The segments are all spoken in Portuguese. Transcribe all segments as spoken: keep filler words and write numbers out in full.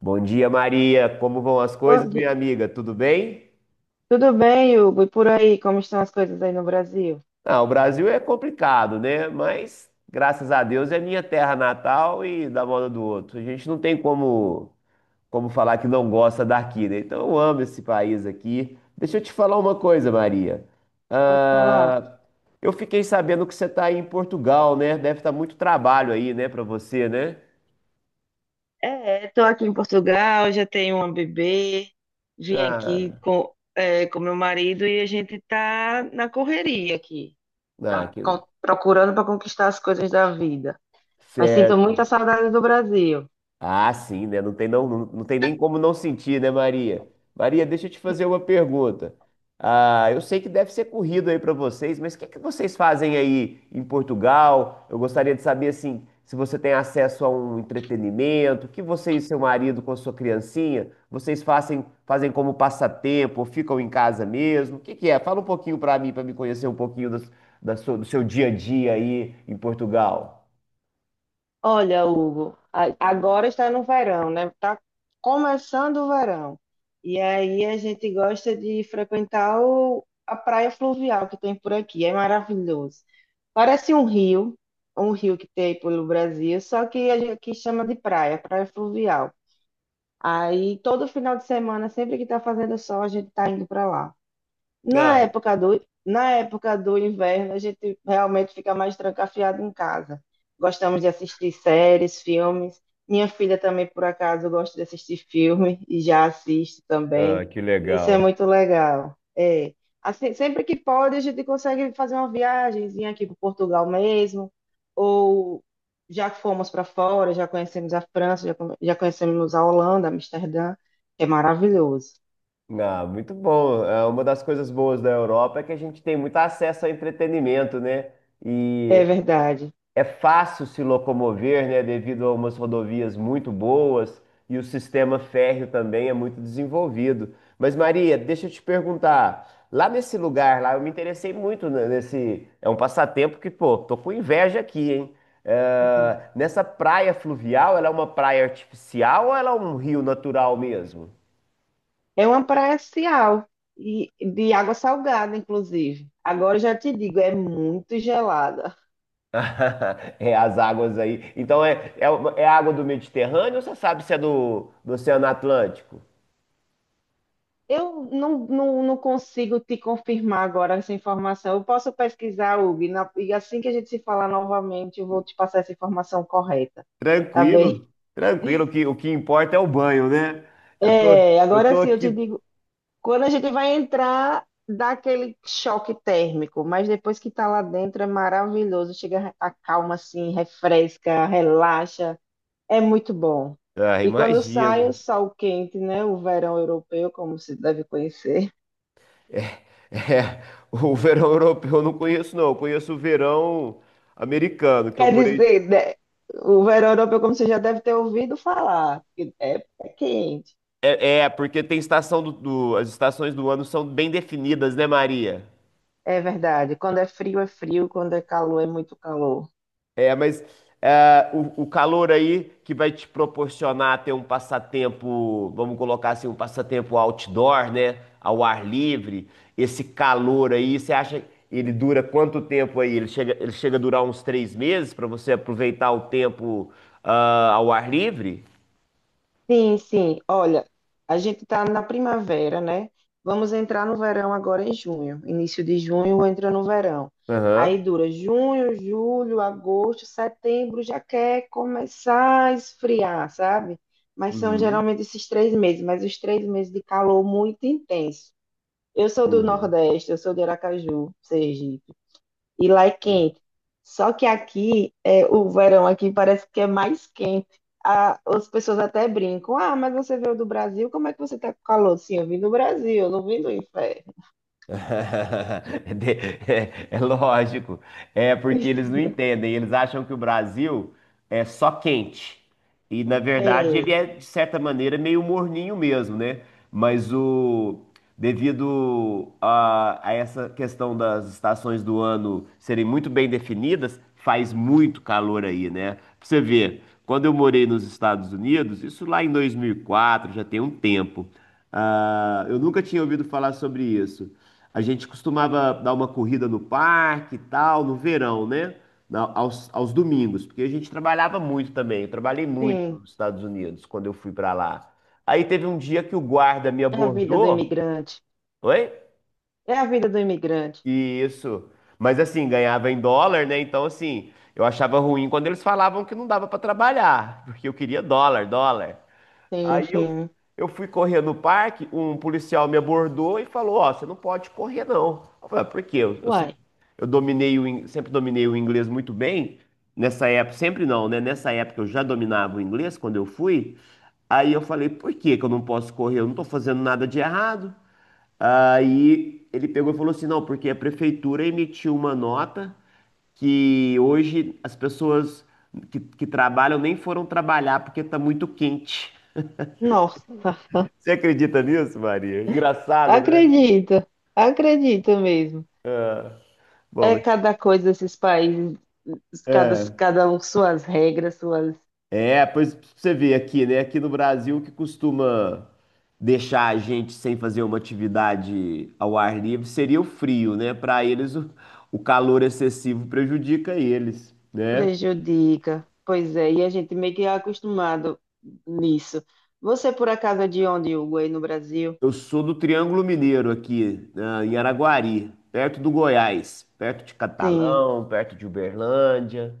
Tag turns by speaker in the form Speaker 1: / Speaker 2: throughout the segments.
Speaker 1: Bom dia, Maria. Como vão as coisas,
Speaker 2: Bom di-
Speaker 1: minha amiga? Tudo bem?
Speaker 2: Tudo bem, Hugo? E por aí, como estão as coisas aí no Brasil?
Speaker 1: Ah, o Brasil é complicado, né? Mas graças a Deus é minha terra natal e da moda do outro. A gente não tem como como falar que não gosta daqui, né? Então eu amo esse país aqui. Deixa eu te falar uma coisa, Maria.
Speaker 2: Pode falar.
Speaker 1: Ah, eu fiquei sabendo que você está aí em Portugal, né? Deve estar muito trabalho aí, né, para você, né?
Speaker 2: É, estou aqui em Portugal, já tenho uma bebê, vim aqui
Speaker 1: Ah,
Speaker 2: com, é, com meu marido e a gente está na correria aqui,
Speaker 1: ah,
Speaker 2: a-
Speaker 1: que...
Speaker 2: co- procurando para conquistar as coisas da vida. Mas sinto
Speaker 1: Certo.
Speaker 2: muita saudade do Brasil.
Speaker 1: Ah, sim, né? Não tem, não, não, não tem nem como não sentir, né, Maria? Maria, deixa eu te fazer uma pergunta. Ah, eu sei que deve ser corrido aí para vocês, mas o que é que vocês fazem aí em Portugal? Eu gostaria de saber, assim, se você tem acesso a um entretenimento, o que você e seu marido com sua criancinha, vocês fazem, fazem como passatempo, ou ficam em casa mesmo? O que que é? Fala um pouquinho para mim, para me conhecer um pouquinho das- da sua- do seu dia a dia aí em Portugal.
Speaker 2: Olha, Hugo, a- agora está no verão, né? Está começando o verão. E aí a gente gosta de frequentar o- a praia fluvial que tem por aqui. É maravilhoso. Parece um rio, um rio que tem pelo Brasil, só que a gente aqui chama de praia, praia fluvial. Aí todo final de semana, sempre que está fazendo sol, a gente está indo para lá. Na
Speaker 1: Ah,
Speaker 2: época do, na época do inverno, a gente realmente fica mais trancafiado em casa. Gostamos de assistir séries, filmes. Minha filha também, por acaso, gosta de assistir filme e já assiste
Speaker 1: ah,
Speaker 2: também.
Speaker 1: que
Speaker 2: Isso é
Speaker 1: legal.
Speaker 2: muito legal. É. Assim, sempre que pode, a gente consegue fazer uma viagemzinha aqui para Portugal mesmo, ou já que fomos para fora, já conhecemos a França, já, come- já conhecemos a Holanda, Amsterdã, é maravilhoso.
Speaker 1: Ah, muito bom. É, uma das coisas boas da Europa é que a gente tem muito acesso a entretenimento, né?
Speaker 2: É
Speaker 1: E
Speaker 2: verdade.
Speaker 1: é fácil se locomover, né? Devido a umas rodovias muito boas e o sistema férreo também é muito desenvolvido. Mas, Maria, deixa eu te perguntar. Lá nesse lugar, lá, eu me interessei muito, né, nesse. É um passatempo que, pô, tô com inveja aqui, hein?
Speaker 2: Uhum.
Speaker 1: É, nessa praia fluvial, ela é uma praia artificial ou ela é um rio natural mesmo?
Speaker 2: É uma praia social e de água salgada, inclusive. Agora eu já te digo, é muito gelada.
Speaker 1: É as águas aí. Então é, é, uma- é água do Mediterrâneo ou você sabe se é do, do Oceano Atlântico?
Speaker 2: Eu não, não, não consigo te confirmar agora essa informação. Eu posso pesquisar, Hugo, e na- e assim que a gente se falar novamente, eu vou te passar essa informação correta, tá bem?
Speaker 1: Tranquilo, tranquilo, que o que importa é o banho, né? Eu tô,
Speaker 2: É,
Speaker 1: eu
Speaker 2: agora
Speaker 1: tô
Speaker 2: sim, eu te
Speaker 1: aqui.
Speaker 2: digo, quando a gente vai entrar, dá aquele choque térmico, mas depois que tá lá dentro é maravilhoso, chega, a calma assim, refresca, relaxa. É muito bom.
Speaker 1: Ah,
Speaker 2: E quando sai o
Speaker 1: imagino.
Speaker 2: sol quente, né? O verão europeu, como se deve conhecer.
Speaker 1: É, o verão europeu eu não conheço, não. Eu conheço o verão americano, que eu
Speaker 2: Quer
Speaker 1: morei.
Speaker 2: dizer, né, o verão europeu, como você já deve ter ouvido falar, que é, é quente.
Speaker 1: É, é, porque tem estação. do, do- As estações do ano são bem definidas, né, Maria?
Speaker 2: É verdade. Quando é frio, é frio. Quando é calor, é muito calor.
Speaker 1: É, mas é, o, o calor aí que vai te proporcionar ter um passatempo, vamos colocar assim, um passatempo outdoor, né? Ao ar livre, esse calor aí, você acha que ele dura quanto tempo aí? Ele chega, ele chega a durar uns três meses para você aproveitar o tempo ah, ao ar livre?
Speaker 2: Sim, sim. Olha, a gente está na primavera, né? Vamos entrar no verão agora em junho. Início de junho entra no verão. Aí
Speaker 1: Aham.
Speaker 2: dura junho, julho, agosto, setembro, já quer começar a esfriar, sabe? Mas são
Speaker 1: Uhum,
Speaker 2: geralmente esses três meses, mas os três meses de calor muito intenso. Eu sou do
Speaker 1: uhum.
Speaker 2: Nordeste, eu sou de Aracaju, Sergipe e lá é quente. Só que aqui, é, o verão aqui parece que é mais quente. A- as pessoas até brincam: ah, mas você veio do Brasil, como é que você tá com calor? Sim, eu vim do Brasil, eu não vim do inferno.
Speaker 1: De- É, é lógico, é porque eles não entendem, eles acham que o Brasil é só quente. E na verdade
Speaker 2: É,
Speaker 1: ele é, de certa maneira, meio morninho mesmo, né? Mas o devido a, a essa questão das estações do ano serem muito bem definidas, faz muito calor aí, né? Pra você ver, quando eu morei nos Estados Unidos, isso lá em dois mil e quatro, já tem um tempo. Ah, eu nunca tinha ouvido falar sobre isso. A gente costumava dar uma corrida no parque e tal, no verão, né? Na- aos, aos domingos, porque a gente trabalhava muito também. Eu trabalhei muito
Speaker 2: sim,
Speaker 1: nos Estados Unidos quando eu fui pra lá. Aí teve um dia que o guarda me
Speaker 2: é a vida do
Speaker 1: abordou.
Speaker 2: imigrante.
Speaker 1: Oi?
Speaker 2: É a vida do imigrante.
Speaker 1: Isso. Mas assim, ganhava em dólar, né? Então, assim, eu achava ruim quando eles falavam que não dava pra trabalhar, porque eu queria dólar, dólar.
Speaker 2: Sim,
Speaker 1: Aí eu,
Speaker 2: sim.
Speaker 1: eu fui correr no parque, um policial me abordou e falou: Ó, você não pode correr, não. Eu falei: "Ah, Por quê? Eu, eu sempre,
Speaker 2: Uai,
Speaker 1: eu dominei o, in- sempre dominei o inglês muito bem. Nessa época, sempre não, né? Nessa época eu já dominava o inglês quando eu fui. Aí eu falei: Por que que eu não posso correr? Eu não tô fazendo nada de errado. Aí ele pegou e falou assim: Não, porque a prefeitura emitiu uma nota que hoje as pessoas que, que trabalham nem foram trabalhar porque tá muito quente.
Speaker 2: nossa,
Speaker 1: Você acredita nisso, Maria? Engraçado, né?
Speaker 2: acredita, acredita mesmo.
Speaker 1: Bom,
Speaker 2: É
Speaker 1: mas
Speaker 2: cada coisa esses países, cada,
Speaker 1: é,
Speaker 2: cada um suas regras, suas.
Speaker 1: é, pois você vê aqui, né? Aqui no Brasil, o que costuma deixar a gente sem fazer uma atividade ao ar livre seria o frio, né? Para eles, o, o calor excessivo prejudica eles, né?
Speaker 2: Prejudica. Pois é, e a gente meio que é acostumado nisso. Você, por acaso, é de onde, Hugo, aí no Brasil?
Speaker 1: Eu sou do Triângulo Mineiro aqui, ah, em Araguari, perto do Goiás, perto de
Speaker 2: Sim.
Speaker 1: Catalão, perto de Uberlândia.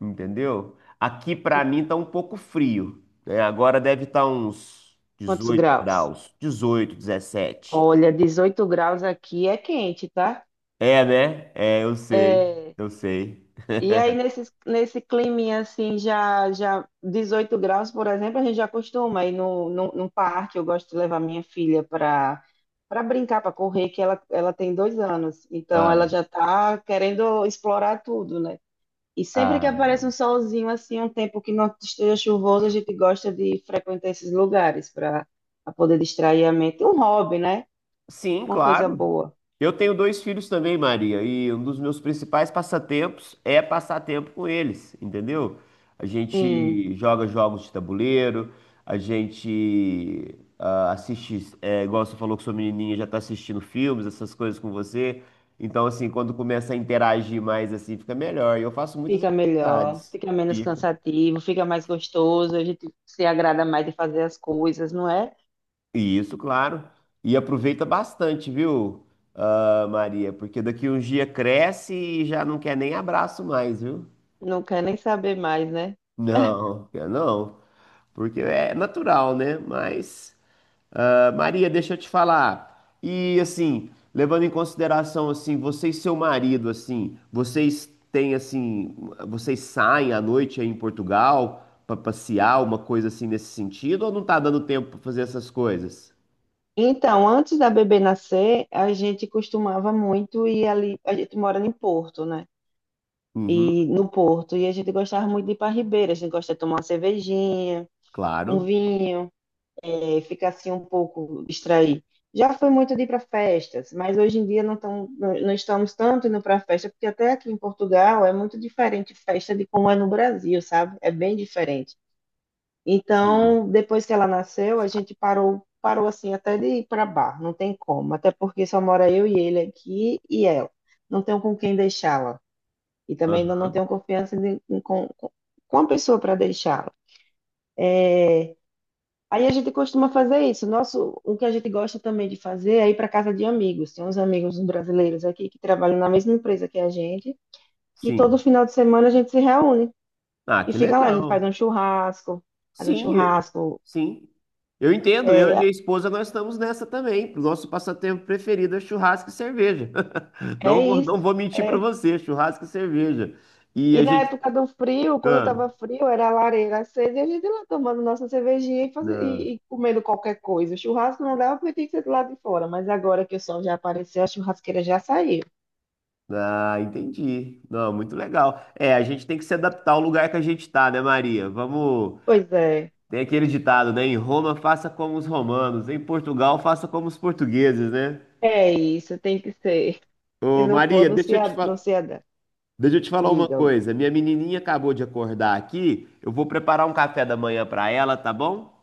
Speaker 1: Entendeu? Aqui pra mim tá um pouco frio, né? Agora deve estar uns
Speaker 2: Quantos
Speaker 1: dezoito
Speaker 2: graus?
Speaker 1: graus, dezoito, dezessete.
Speaker 2: Olha, dezoito graus aqui é quente, tá?
Speaker 1: É, né? É, eu sei,
Speaker 2: É.
Speaker 1: eu sei.
Speaker 2: E aí, nesse, nesse climinha assim, já, já dezoito graus, por exemplo, a gente já costuma ir no, no, no parque. Eu gosto de levar minha filha para para brincar, para correr, que ela, ela tem dois anos. Então,
Speaker 1: Ai,
Speaker 2: ela já está querendo explorar tudo, né? E sempre que aparece um
Speaker 1: ai.
Speaker 2: solzinho assim, um tempo que não esteja chuvoso, a gente gosta de frequentar esses lugares para poder distrair a mente. Um hobby, né?
Speaker 1: Sim,
Speaker 2: Uma coisa
Speaker 1: claro.
Speaker 2: boa.
Speaker 1: Eu tenho dois filhos também, Maria, e um dos meus principais passatempos é passar tempo com eles, entendeu? A
Speaker 2: Sim,
Speaker 1: gente joga jogos de tabuleiro, a gente ah, assiste, é, igual você falou que sua menininha já tá assistindo filmes, essas coisas com você. Então, assim, quando começa a interagir mais, assim, fica melhor. E eu faço muitas
Speaker 2: fica melhor,
Speaker 1: atividades.
Speaker 2: fica menos
Speaker 1: Fica.
Speaker 2: cansativo, fica mais gostoso, a gente se agrada mais de fazer as coisas, não é?
Speaker 1: E isso, claro. E aproveita bastante, viu, ah, Maria? Porque daqui uns dias cresce e já não quer nem abraço mais, viu?
Speaker 2: Não quer nem saber mais, né?
Speaker 1: Não, eu não, porque é natural, né? Mas, ah, Maria, deixa eu te falar. E assim, levando em consideração assim, você e seu marido, assim, vocês têm assim, vocês saem à noite aí em Portugal para passear, uma coisa assim nesse sentido, ou não tá dando tempo para fazer essas coisas?
Speaker 2: Então, antes da bebê nascer, a gente costumava muito ir ali. A gente mora em Porto, né?
Speaker 1: Uhum,
Speaker 2: E no Porto, e a gente gostava muito de ir para Ribeira, a gente gosta de tomar uma cervejinha um
Speaker 1: claro.
Speaker 2: vinho, é, fica assim um pouco distraído. Já foi muito de ir para festas, mas hoje em dia não, tão, não, não estamos tanto indo para festa, porque até aqui em Portugal é muito diferente festa de como é no Brasil, sabe? É bem diferente.
Speaker 1: Sim.
Speaker 2: Então, depois que ela nasceu, a gente parou, parou assim até de ir para bar, não tem como, até porque só mora eu e ele aqui e ela. Não tenho com quem deixá-la e também ainda não
Speaker 1: Aham,
Speaker 2: tenho confiança de- com, com com a pessoa para deixá-la. Aí a gente costuma fazer isso. Nosso, o que a gente gosta também de fazer é ir para casa de amigos. Tem uns amigos brasileiros aqui que trabalham na mesma empresa que a gente, que todo
Speaker 1: sim.
Speaker 2: final de semana a gente se reúne
Speaker 1: Ah,
Speaker 2: e
Speaker 1: que
Speaker 2: fica lá. A gente faz
Speaker 1: legal.
Speaker 2: um churrasco, faz um
Speaker 1: Sim, eu-
Speaker 2: churrasco.
Speaker 1: sim. Eu entendo, eu e
Speaker 2: É,
Speaker 1: minha esposa nós estamos nessa também. O nosso passatempo preferido é churrasco e cerveja.
Speaker 2: é
Speaker 1: Não vou, não
Speaker 2: isso.
Speaker 1: vou mentir para
Speaker 2: É.
Speaker 1: você, churrasco e cerveja. E
Speaker 2: E
Speaker 1: a
Speaker 2: na
Speaker 1: gente.
Speaker 2: época do frio, quando
Speaker 1: Ah,
Speaker 2: estava frio, era a lareira acesa e a gente lá tomando nossa cervejinha e, faze-
Speaker 1: não,
Speaker 2: e- e comendo qualquer coisa. O churrasco não dava porque tinha que ser do lado de fora, mas agora que o sol já apareceu, a churrasqueira já saiu.
Speaker 1: ah, entendi. Não, muito legal. É, a gente tem que se adaptar ao lugar que a gente está, né, Maria? Vamos.
Speaker 2: Pois é.
Speaker 1: Tem aquele ditado, né? Em Roma, faça como os romanos. Em Portugal, faça como os portugueses, né?
Speaker 2: É isso, tem que ser. Se
Speaker 1: Ô,
Speaker 2: não for,
Speaker 1: Maria,
Speaker 2: não
Speaker 1: deixa
Speaker 2: se,
Speaker 1: eu te
Speaker 2: a- não
Speaker 1: falar.
Speaker 2: se adapta.
Speaker 1: Deixa eu te falar uma
Speaker 2: Diga, Hugo.
Speaker 1: coisa. Minha menininha acabou de acordar aqui. Eu vou preparar um café da manhã pra ela, tá bom?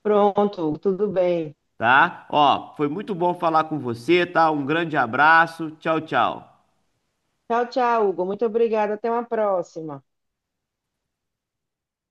Speaker 2: Pronto, Hugo, tudo bem.
Speaker 1: Tá? Ó, foi muito bom falar com você, tá? Um grande abraço. Tchau, tchau.
Speaker 2: Tchau, tchau, Hugo. Muito obrigada. Até uma próxima.